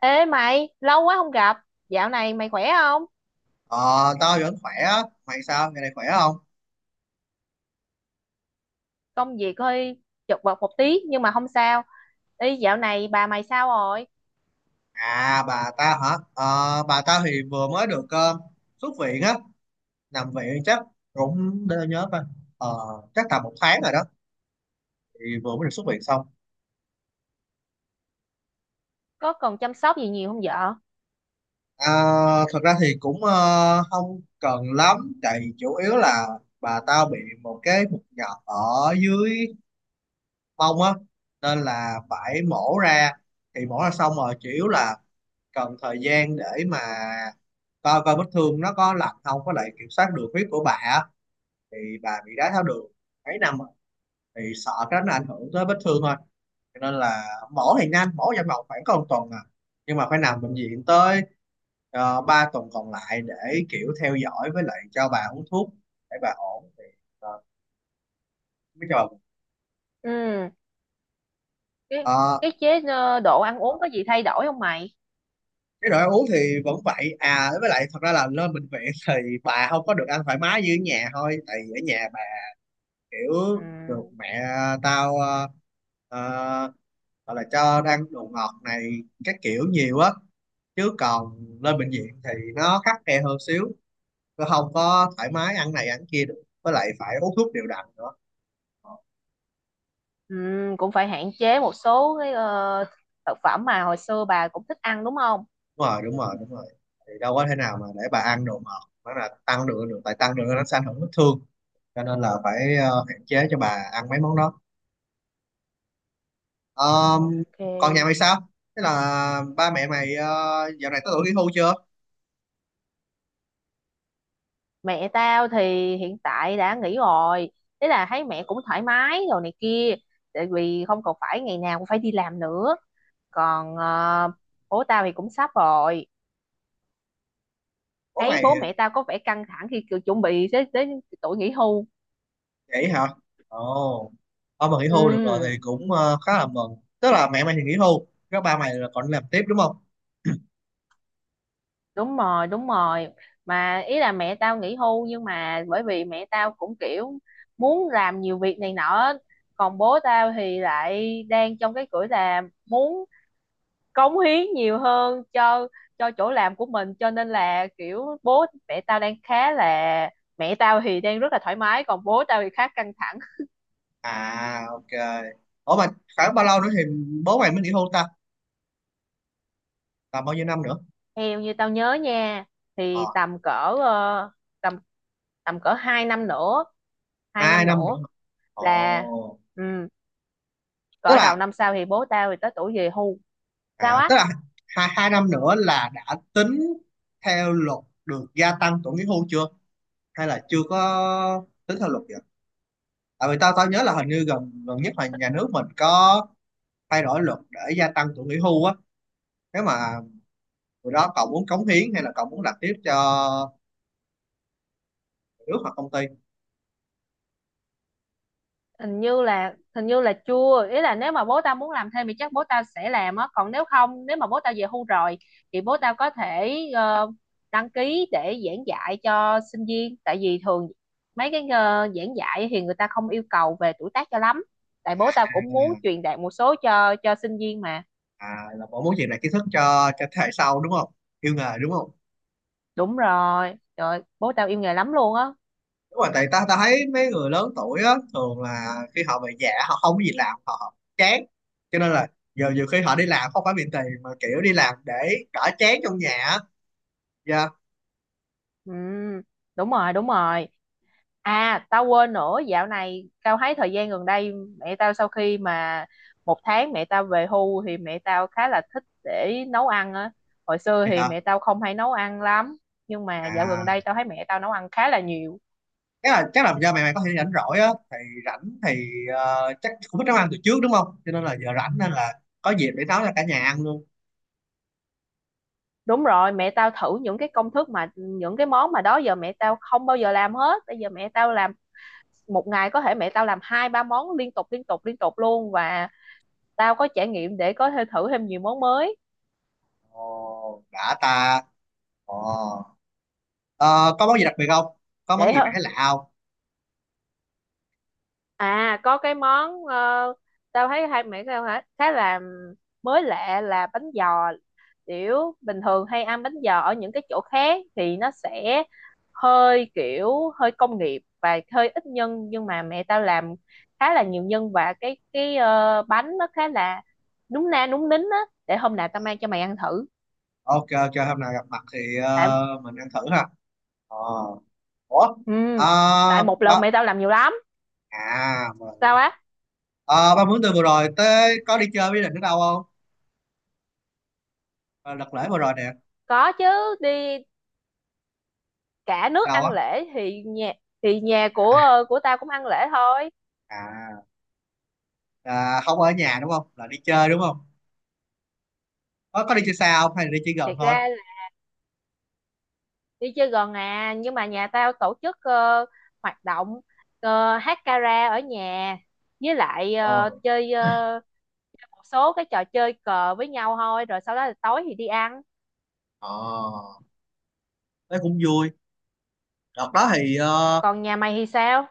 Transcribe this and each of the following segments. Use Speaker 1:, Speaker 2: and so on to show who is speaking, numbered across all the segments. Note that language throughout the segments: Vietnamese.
Speaker 1: Ê mày, lâu quá không gặp. Dạo này mày khỏe không?
Speaker 2: Ờ, tao vẫn khỏe á. Mày sao? Ngày này khỏe không?
Speaker 1: Công việc hơi chật vật một tí nhưng mà không sao. Ê, dạo này bà mày sao rồi?
Speaker 2: À, bà tao hả? Ờ, bà tao thì vừa mới được xuất viện á. Nằm viện chắc cũng để tao nhớ coi. Ờ, Chắc tầm một tháng rồi đó. Thì vừa mới được xuất viện xong.
Speaker 1: Có cần chăm sóc gì nhiều không vợ?
Speaker 2: À, thật ra thì cũng không cần lắm. Tại vì chủ yếu là bà tao bị một cái mụn nhọt ở dưới mông á. Nên là phải mổ ra. Thì mổ ra xong rồi chủ yếu là cần thời gian để mà coi coi vết thương nó có lành không, có lại kiểm soát được huyết của bà á. Thì bà bị đái tháo đường mấy năm rồi, thì sợ cái đó nó ảnh hưởng tới vết thương thôi, cho nên là mổ thì nhanh, mổ trong vòng khoảng có một tuần à, nhưng mà phải nằm bệnh viện tới 3 tuần còn lại để kiểu theo dõi với lại cho bà uống thuốc để bà ổn thì ờ, mới cho bà.
Speaker 1: Ừ, cái
Speaker 2: Ờ,
Speaker 1: cái chế độ ăn uống có gì thay đổi không mày?
Speaker 2: cái đồ ăn uống thì vẫn vậy à, với lại thật ra là lên bệnh viện thì bà không có được ăn thoải mái như ở nhà thôi. Tại vì ở nhà bà kiểu
Speaker 1: Ừ,
Speaker 2: được mẹ tao ờ, gọi là cho ăn đồ ngọt này các kiểu nhiều á, chứ còn lên bệnh viện thì nó khắt khe hơn xíu, nó không có thoải mái ăn này ăn kia được, với lại phải uống thuốc đều đặn nữa.
Speaker 1: ừ, cũng phải hạn chế một số cái thực phẩm mà hồi xưa bà cũng thích ăn đúng không?
Speaker 2: Ờ, đúng rồi đúng rồi đúng rồi, thì đâu có thể nào mà để bà ăn đồ ngọt, nó là tăng đường được, tại tăng đường nó sẽ ảnh hưởng vết thương cho nên là phải hạn chế cho bà ăn mấy món đó. Ờm,
Speaker 1: Ok.
Speaker 2: Còn nhà mày sao, thế là ba mẹ mày dạo này có tuổi nghỉ hưu chưa?
Speaker 1: Mẹ tao thì hiện tại đã nghỉ rồi. Thế là thấy mẹ cũng thoải mái rồi này kia. Tại vì không còn phải ngày nào cũng phải đi làm nữa, còn bố tao thì cũng sắp rồi.
Speaker 2: Bố
Speaker 1: Thấy
Speaker 2: mày.
Speaker 1: bố mẹ tao có vẻ căng thẳng khi kiểu chuẩn bị đến tuổi nghỉ hưu.
Speaker 2: Vậy hả? Ồ. Ông mà nghỉ hưu được rồi thì
Speaker 1: Ừ,
Speaker 2: cũng khá là mừng. Tức là mẹ mày thì nghỉ hưu, các ba mày là còn đi làm tiếp đúng không?
Speaker 1: đúng rồi, đúng rồi, mà ý là mẹ tao nghỉ hưu nhưng mà bởi vì mẹ tao cũng kiểu muốn làm nhiều việc này nọ á. Còn bố tao thì lại đang trong cái tuổi là muốn cống hiến nhiều hơn cho chỗ làm của mình, cho nên là kiểu bố mẹ tao đang khá là, mẹ tao thì đang rất là thoải mái còn bố tao thì khá căng thẳng.
Speaker 2: À, ok. Ủa mà khoảng bao lâu nữa thì bố mày mới nghỉ hưu ta? Tầm bao nhiêu năm nữa?
Speaker 1: Theo như tao nhớ nha
Speaker 2: Ờ,
Speaker 1: thì tầm cỡ ờ, tầm tầm cỡ 2 năm nữa, hai
Speaker 2: hai
Speaker 1: năm
Speaker 2: năm nữa.
Speaker 1: nữa là
Speaker 2: Ồ.
Speaker 1: ừ,
Speaker 2: Tức
Speaker 1: cỡ
Speaker 2: là
Speaker 1: đầu năm sau thì bố tao thì tới tuổi về hưu. Sao
Speaker 2: à,
Speaker 1: á?
Speaker 2: tức là 2 năm nữa là đã tính theo luật được gia tăng tuổi nghỉ hưu chưa? Hay là chưa có tính theo luật vậy? Tại vì tao tao nhớ là hình như gần gần nhất là nhà nước mình có thay đổi luật để gia tăng tuổi nghỉ hưu á, nếu mà rồi đó cậu muốn cống hiến hay là cậu muốn làm tiếp cho nước hoặc công ty.
Speaker 1: Hình như là chưa, ý là nếu mà bố tao muốn làm thêm thì chắc bố tao sẽ làm á, còn nếu không, nếu mà bố tao về hưu rồi thì bố tao có thể đăng ký để giảng dạy cho sinh viên, tại vì thường mấy cái giảng dạy thì người ta không yêu cầu về tuổi tác cho lắm, tại bố tao cũng muốn truyền đạt một số cho sinh viên mà.
Speaker 2: À, là cậu muốn truyền lại kiến thức cho thế hệ sau đúng không, yêu nghề đúng không?
Speaker 1: Đúng rồi, trời bố tao yêu nghề lắm luôn á.
Speaker 2: Đúng rồi, tại ta ta thấy mấy người lớn tuổi á, thường là khi họ về già họ không có gì làm họ chán, cho nên là giờ nhiều khi họ đi làm không phải vì tiền mà kiểu đi làm để đỡ chán trong nhà á. Dạ.
Speaker 1: Ừ, đúng rồi, đúng rồi. À, tao quên nữa, dạo này tao thấy thời gian gần đây mẹ tao sau khi mà một tháng mẹ tao về hưu thì mẹ tao khá là thích để nấu ăn á. Hồi xưa
Speaker 2: Thì
Speaker 1: thì
Speaker 2: hả?
Speaker 1: mẹ tao không hay nấu ăn lắm, nhưng mà dạo gần
Speaker 2: À,
Speaker 1: đây tao thấy mẹ tao nấu ăn khá là nhiều.
Speaker 2: chắc là do mày mày có thể rảnh rỗi á, thì rảnh thì chắc cũng biết nấu ăn từ trước đúng không, cho nên là giờ rảnh nên là có dịp để nấu cho cả nhà ăn luôn.
Speaker 1: Đúng rồi, mẹ tao thử những cái công thức mà những cái món mà đó giờ mẹ tao không bao giờ làm hết. Bây giờ mẹ tao làm một ngày có thể mẹ tao làm hai ba món liên tục liên tục liên tục luôn, và tao có trải nghiệm để có thể thử thêm nhiều món mới.
Speaker 2: Ồ, đã ta. Ồ. Ờ, có món gì đặc biệt không? Có món
Speaker 1: để
Speaker 2: gì mày thấy lạ không?
Speaker 1: À, có cái món tao thấy hai mẹ tao hả khá là mới lạ là bánh giò, kiểu bình thường hay ăn bánh giò ở những cái chỗ khác thì nó sẽ hơi kiểu hơi công nghiệp và hơi ít nhân, nhưng mà mẹ tao làm khá là nhiều nhân và cái bánh nó khá là núng na núng nính á, để hôm nào tao mang cho mày ăn thử,
Speaker 2: Ok, ok, hôm nào gặp mặt thì
Speaker 1: tại
Speaker 2: mình ăn thử ha. Ờ. Ủa?
Speaker 1: ừ,
Speaker 2: Ờ,
Speaker 1: tại một lần
Speaker 2: ba...
Speaker 1: mẹ tao làm nhiều lắm.
Speaker 2: À, mà...
Speaker 1: Sao á?
Speaker 2: Ờ, ba muốn từ vừa rồi tới có đi chơi với định ở đâu không? Ờ, đợt lễ vừa rồi nè.
Speaker 1: Có chứ, đi cả nước
Speaker 2: Đâu
Speaker 1: ăn
Speaker 2: á?
Speaker 1: lễ thì nhà của tao cũng ăn lễ thôi.
Speaker 2: À, à, không ở nhà đúng không? Là đi chơi đúng không? Có đi chơi xa không? Hay là đi chơi gần
Speaker 1: Thiệt
Speaker 2: thôi?
Speaker 1: ra là đi chơi gần à, nhưng mà nhà tao tổ chức hoạt động hát karaoke ở nhà, với lại
Speaker 2: Ờ.
Speaker 1: chơi một số cái trò chơi cờ với nhau thôi, rồi sau đó là tối thì đi ăn.
Speaker 2: Ờ, thế cũng vui. Đợt đó thì ờ,
Speaker 1: Còn nhà mày thì sao?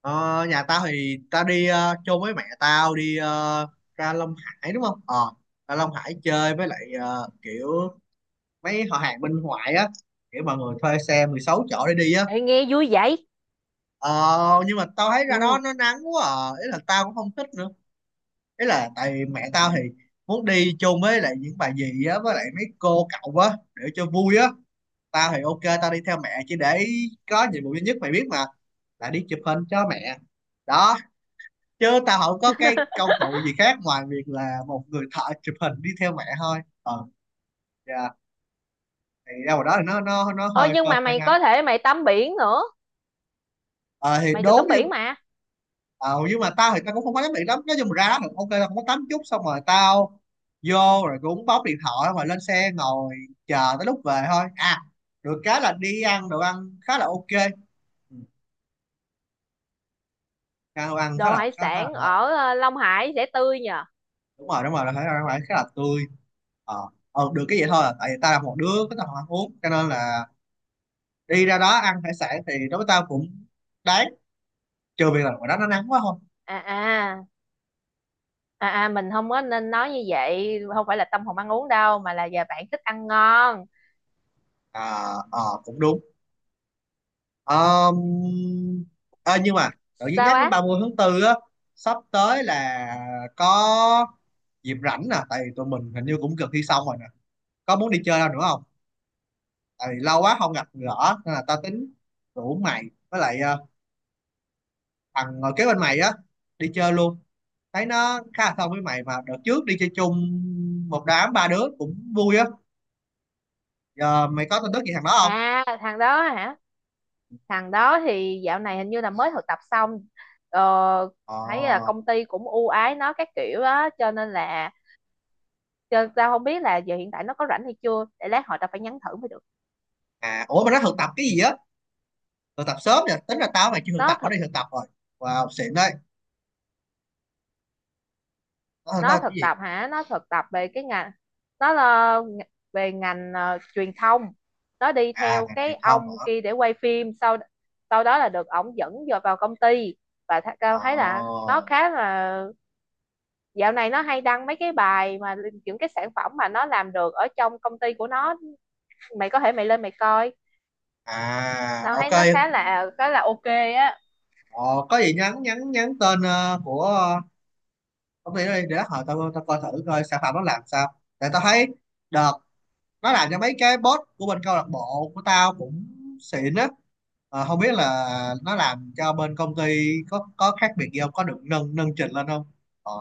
Speaker 2: Ờ, nhà tao thì tao đi chôn với mẹ tao, đi ra Long Hải đúng không? Ờ, ra Long Hải chơi với lại kiểu mấy họ hàng bên ngoại á, kiểu mọi người thuê xe 16 chỗ để đi á.
Speaker 1: Ê, nghe vui vậy.
Speaker 2: Ờ, nhưng mà tao thấy ra đó
Speaker 1: Ừ.
Speaker 2: nó nắng quá à, ý là tao cũng không thích nữa. Ý là tại vì mẹ tao thì muốn đi chôn với lại những bà dì á với lại mấy cô cậu á để cho vui á. Tao thì ok, tao đi theo mẹ chỉ để có nhiệm vụ duy nhất mày biết mà, là đi chụp hình cho mẹ đó, chứ tao không có cái công cụ gì khác ngoài việc là một người thợ chụp hình đi theo mẹ thôi. ờ dạ. Thì đâu vào đó thì nó
Speaker 1: Ôi
Speaker 2: hơi
Speaker 1: nhưng mà
Speaker 2: hơi
Speaker 1: mày
Speaker 2: nắng.
Speaker 1: có thể mày tắm biển nữa,
Speaker 2: Ờ thì
Speaker 1: mày được
Speaker 2: đúng
Speaker 1: tắm
Speaker 2: nhưng
Speaker 1: biển mà.
Speaker 2: ờ, nhưng mà tao thì tao cũng không có tắm điện lắm, nói chung là ra được ok, tao không có tắm chút, xong rồi tao vô rồi cũng bóc điện thoại rồi lên xe ngồi chờ tới lúc về thôi à, được cái là đi ăn đồ ăn khá là ok. Ừ, ăn đồ ăn khá
Speaker 1: Đồ
Speaker 2: là
Speaker 1: hải
Speaker 2: khá, khá là
Speaker 1: sản
Speaker 2: ngon
Speaker 1: ở Long Hải sẽ tươi nhờ.
Speaker 2: đúng rồi đúng rồi, là khá là tươi. ờ Được cái vậy thôi à. Tại vì tao là một đứa có tao không ăn uống cho nên là đi ra đó ăn hải sản thì đối với tao cũng đáng, trừ việc là ngoài đó nó nắng quá không.
Speaker 1: À, à, à, mình không có nên nói như vậy không phải là tâm hồn ăn uống đâu, mà là giờ bạn thích ăn ngon.
Speaker 2: Cũng đúng. Ờm, ờ, nhưng mà tự nhiên
Speaker 1: Sao
Speaker 2: nhắc
Speaker 1: á?
Speaker 2: đến 30/4 á, sắp tới là có dịp rảnh nè tại vì tụi mình hình như cũng gần thi xong rồi nè, có muốn đi chơi đâu nữa không? Tại vì lâu quá không gặp gỡ nên là tao tính rủ mày với lại thằng ngồi kế bên mày á đi chơi luôn, thấy nó khá là thân với mày, mà đợt trước đi chơi chung một đám ba đứa cũng vui á. Giờ mày có tin tức gì thằng đó không?
Speaker 1: À, thằng đó hả? Thằng đó thì dạo này hình như là mới thực tập xong. ờ, Thấy là
Speaker 2: ờ
Speaker 1: công ty cũng ưu ái nó các kiểu á, cho nên là cho tao không biết là giờ hiện tại nó có rảnh hay chưa để lát hồi tao phải nhắn thử mới được.
Speaker 2: à ủa mà nó thực tập cái gì á? Thực tập sớm nè, tính ra tao mày chưa thực
Speaker 1: nó
Speaker 2: tập nó
Speaker 1: thực
Speaker 2: đi thực tập rồi. Wow, xịn đấy. Nó thực
Speaker 1: nó
Speaker 2: tập cái
Speaker 1: thực
Speaker 2: gì?
Speaker 1: tập hả? Nó thực tập về cái ngành, nó là về ngành truyền thông, nó đi
Speaker 2: À,
Speaker 1: theo
Speaker 2: ngành
Speaker 1: cái
Speaker 2: truyền thông
Speaker 1: ông
Speaker 2: hả?
Speaker 1: kia để quay phim. Sau Sau đó là được ổng dẫn vào công ty, và tao thấy là
Speaker 2: ờ
Speaker 1: nó khá là, dạo này nó hay đăng mấy cái bài mà những cái sản phẩm mà nó làm được ở trong công ty của nó, mày có thể mày lên mày coi,
Speaker 2: à
Speaker 1: tao thấy
Speaker 2: ok
Speaker 1: nó khá là ok á.
Speaker 2: Ờ, có gì nhắn nhắn nhắn tên của công ty đó đi, để hồi tao tao coi thử coi sản phẩm nó làm sao. Tại tao thấy đợt nó làm cho mấy cái boss của bên câu lạc bộ của tao cũng xịn á. Ờ, không biết là nó làm cho bên công ty có khác biệt gì không, có được nâng nâng trình lên không. ờ,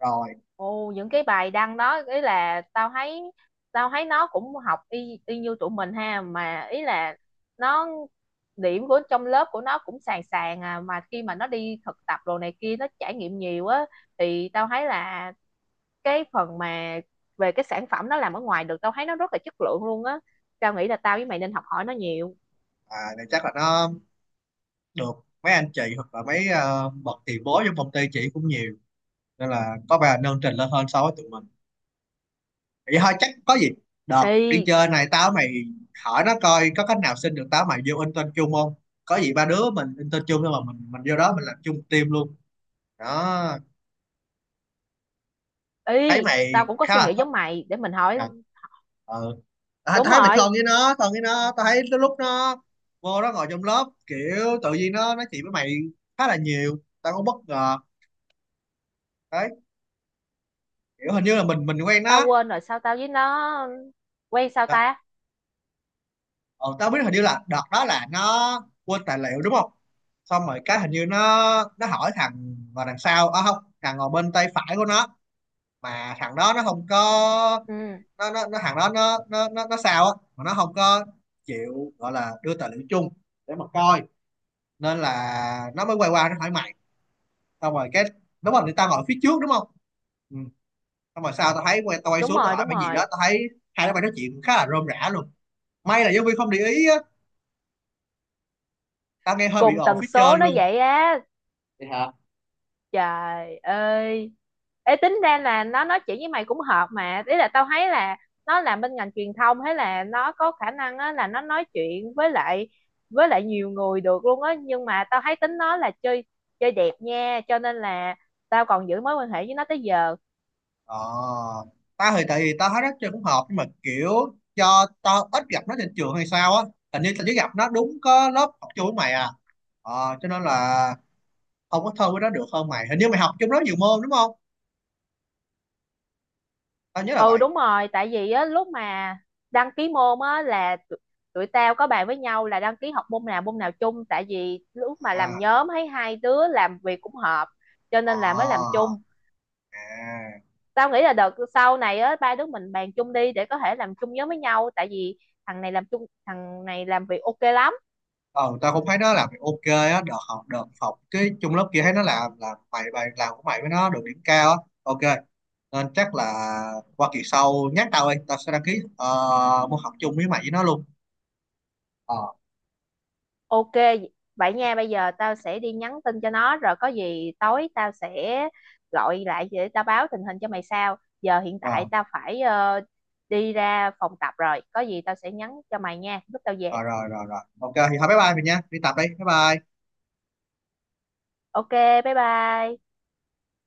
Speaker 2: rồi
Speaker 1: Ồ, những cái bài đăng đó ý là tao thấy nó cũng học y y như tụi mình ha, mà ý là nó điểm của trong lớp của nó cũng sàn sàn à, mà khi mà nó đi thực tập đồ này kia nó trải nghiệm nhiều á, thì tao thấy là cái phần mà về cái sản phẩm nó làm ở ngoài được tao thấy nó rất là chất lượng luôn á, tao nghĩ là tao với mày nên học hỏi nó nhiều.
Speaker 2: À, thì chắc là nó được mấy anh chị hoặc là mấy bậc tiền bối trong công ty chị cũng nhiều, nên là có vẻ là nâng trình lên hơn so với tụi mình vậy thôi. Chắc có gì đợt đi
Speaker 1: Y
Speaker 2: chơi này tao mày hỏi nó coi có cách nào xin được tao mày vô intern chung không, có gì ba đứa mình intern chung, nhưng mà mình vô đó mình làm chung team luôn đó, thấy
Speaker 1: y
Speaker 2: mày
Speaker 1: tao cũng có
Speaker 2: khá
Speaker 1: suy
Speaker 2: là
Speaker 1: nghĩ
Speaker 2: thân.
Speaker 1: giống mày, để mình hỏi.
Speaker 2: À, ờ. à,
Speaker 1: Đúng
Speaker 2: thấy mày
Speaker 1: rồi,
Speaker 2: thân với nó, tao thấy tới lúc nó vô nó ngồi trong lớp kiểu tự nhiên nó nói chuyện với mày khá là nhiều, tao cũng bất ngờ đấy, kiểu hình như là mình quen
Speaker 1: tao
Speaker 2: nó.
Speaker 1: quên rồi, sao tao với nó quen sao
Speaker 2: Ờ,
Speaker 1: ta?
Speaker 2: ờ, tao biết hình như là đợt đó là nó quên tài liệu đúng không, xong rồi cái hình như nó hỏi thằng ngồi đằng sau, à không, thằng ngồi bên tay phải của nó, mà thằng đó nó không có,
Speaker 1: Ừ,
Speaker 2: nó thằng đó nó sao á, mà nó không có chịu gọi là đưa tài liệu chung để mà coi, nên là nó mới quay qua nó hỏi mày, xong rồi cái, đúng rồi thì tao ngồi phía trước đúng không. Ừ. Xong rồi sau tao thấy tao quay
Speaker 1: đúng
Speaker 2: xuống tao
Speaker 1: rồi,
Speaker 2: hỏi
Speaker 1: đúng
Speaker 2: mày gì
Speaker 1: rồi.
Speaker 2: đó, tao thấy hai đứa mày nói chuyện khá là rôm rã luôn, may là giáo viên không để ý á, tao nghe hơi bị
Speaker 1: Cùng
Speaker 2: ồn
Speaker 1: tần
Speaker 2: phía
Speaker 1: số
Speaker 2: trên
Speaker 1: nó
Speaker 2: luôn.
Speaker 1: vậy á,
Speaker 2: Vậy hả?
Speaker 1: trời ơi. Ê, tính ra là nó nói chuyện với mày cũng hợp, mà ý là tao thấy là nó làm bên ngành truyền thông, hay là nó có khả năng á là nó nói chuyện với lại nhiều người được luôn á, nhưng mà tao thấy tính nó là chơi chơi đẹp nha, cho nên là tao còn giữ mối quan hệ với nó tới giờ.
Speaker 2: ờ tao thì tại vì tao thấy rất chơi cũng hợp nhưng mà kiểu cho tao ít gặp nó trên trường hay sao á, hình như tao chỉ gặp nó đúng có lớp học chung với mày à, cho nên là không có thân với nó được hơn mày, hình như mày học chung lớp nhiều môn đúng không, tao nhớ là
Speaker 1: Ừ,
Speaker 2: vậy.
Speaker 1: đúng rồi, tại vì á lúc mà đăng ký môn á là tụi tao có bàn với nhau là đăng ký học môn nào chung, tại vì lúc mà làm
Speaker 2: à
Speaker 1: nhóm thấy hai đứa làm việc cũng hợp cho nên là mới làm
Speaker 2: ờ
Speaker 1: chung.
Speaker 2: à.
Speaker 1: Tao nghĩ là đợt sau này á ba đứa mình bàn chung đi để có thể làm chung nhóm với nhau, tại vì thằng này làm chung thằng này làm việc ok lắm.
Speaker 2: ờ tao cũng thấy nó làm việc ok á, đợt học cái chung lớp kia thấy nó làm mày, bài làm của mày với nó được điểm cao á. Ok, nên chắc là qua kỳ sau nhắc tao đi, tao sẽ đăng ký môn học chung với mày với nó luôn. ờ
Speaker 1: Ok, vậy nha, bây giờ tao sẽ đi nhắn tin cho nó rồi có gì tối tao sẽ gọi lại để tao báo tình hình cho mày sao. Giờ hiện tại
Speaker 2: rồi
Speaker 1: tao phải đi ra phòng tập rồi, có gì tao sẽ nhắn cho mày nha, lúc tao về.
Speaker 2: rồi rồi rồi rồi ok thì thôi, bye bye mình nha, đi tập đi, bye bye.
Speaker 1: Ok, bye bye.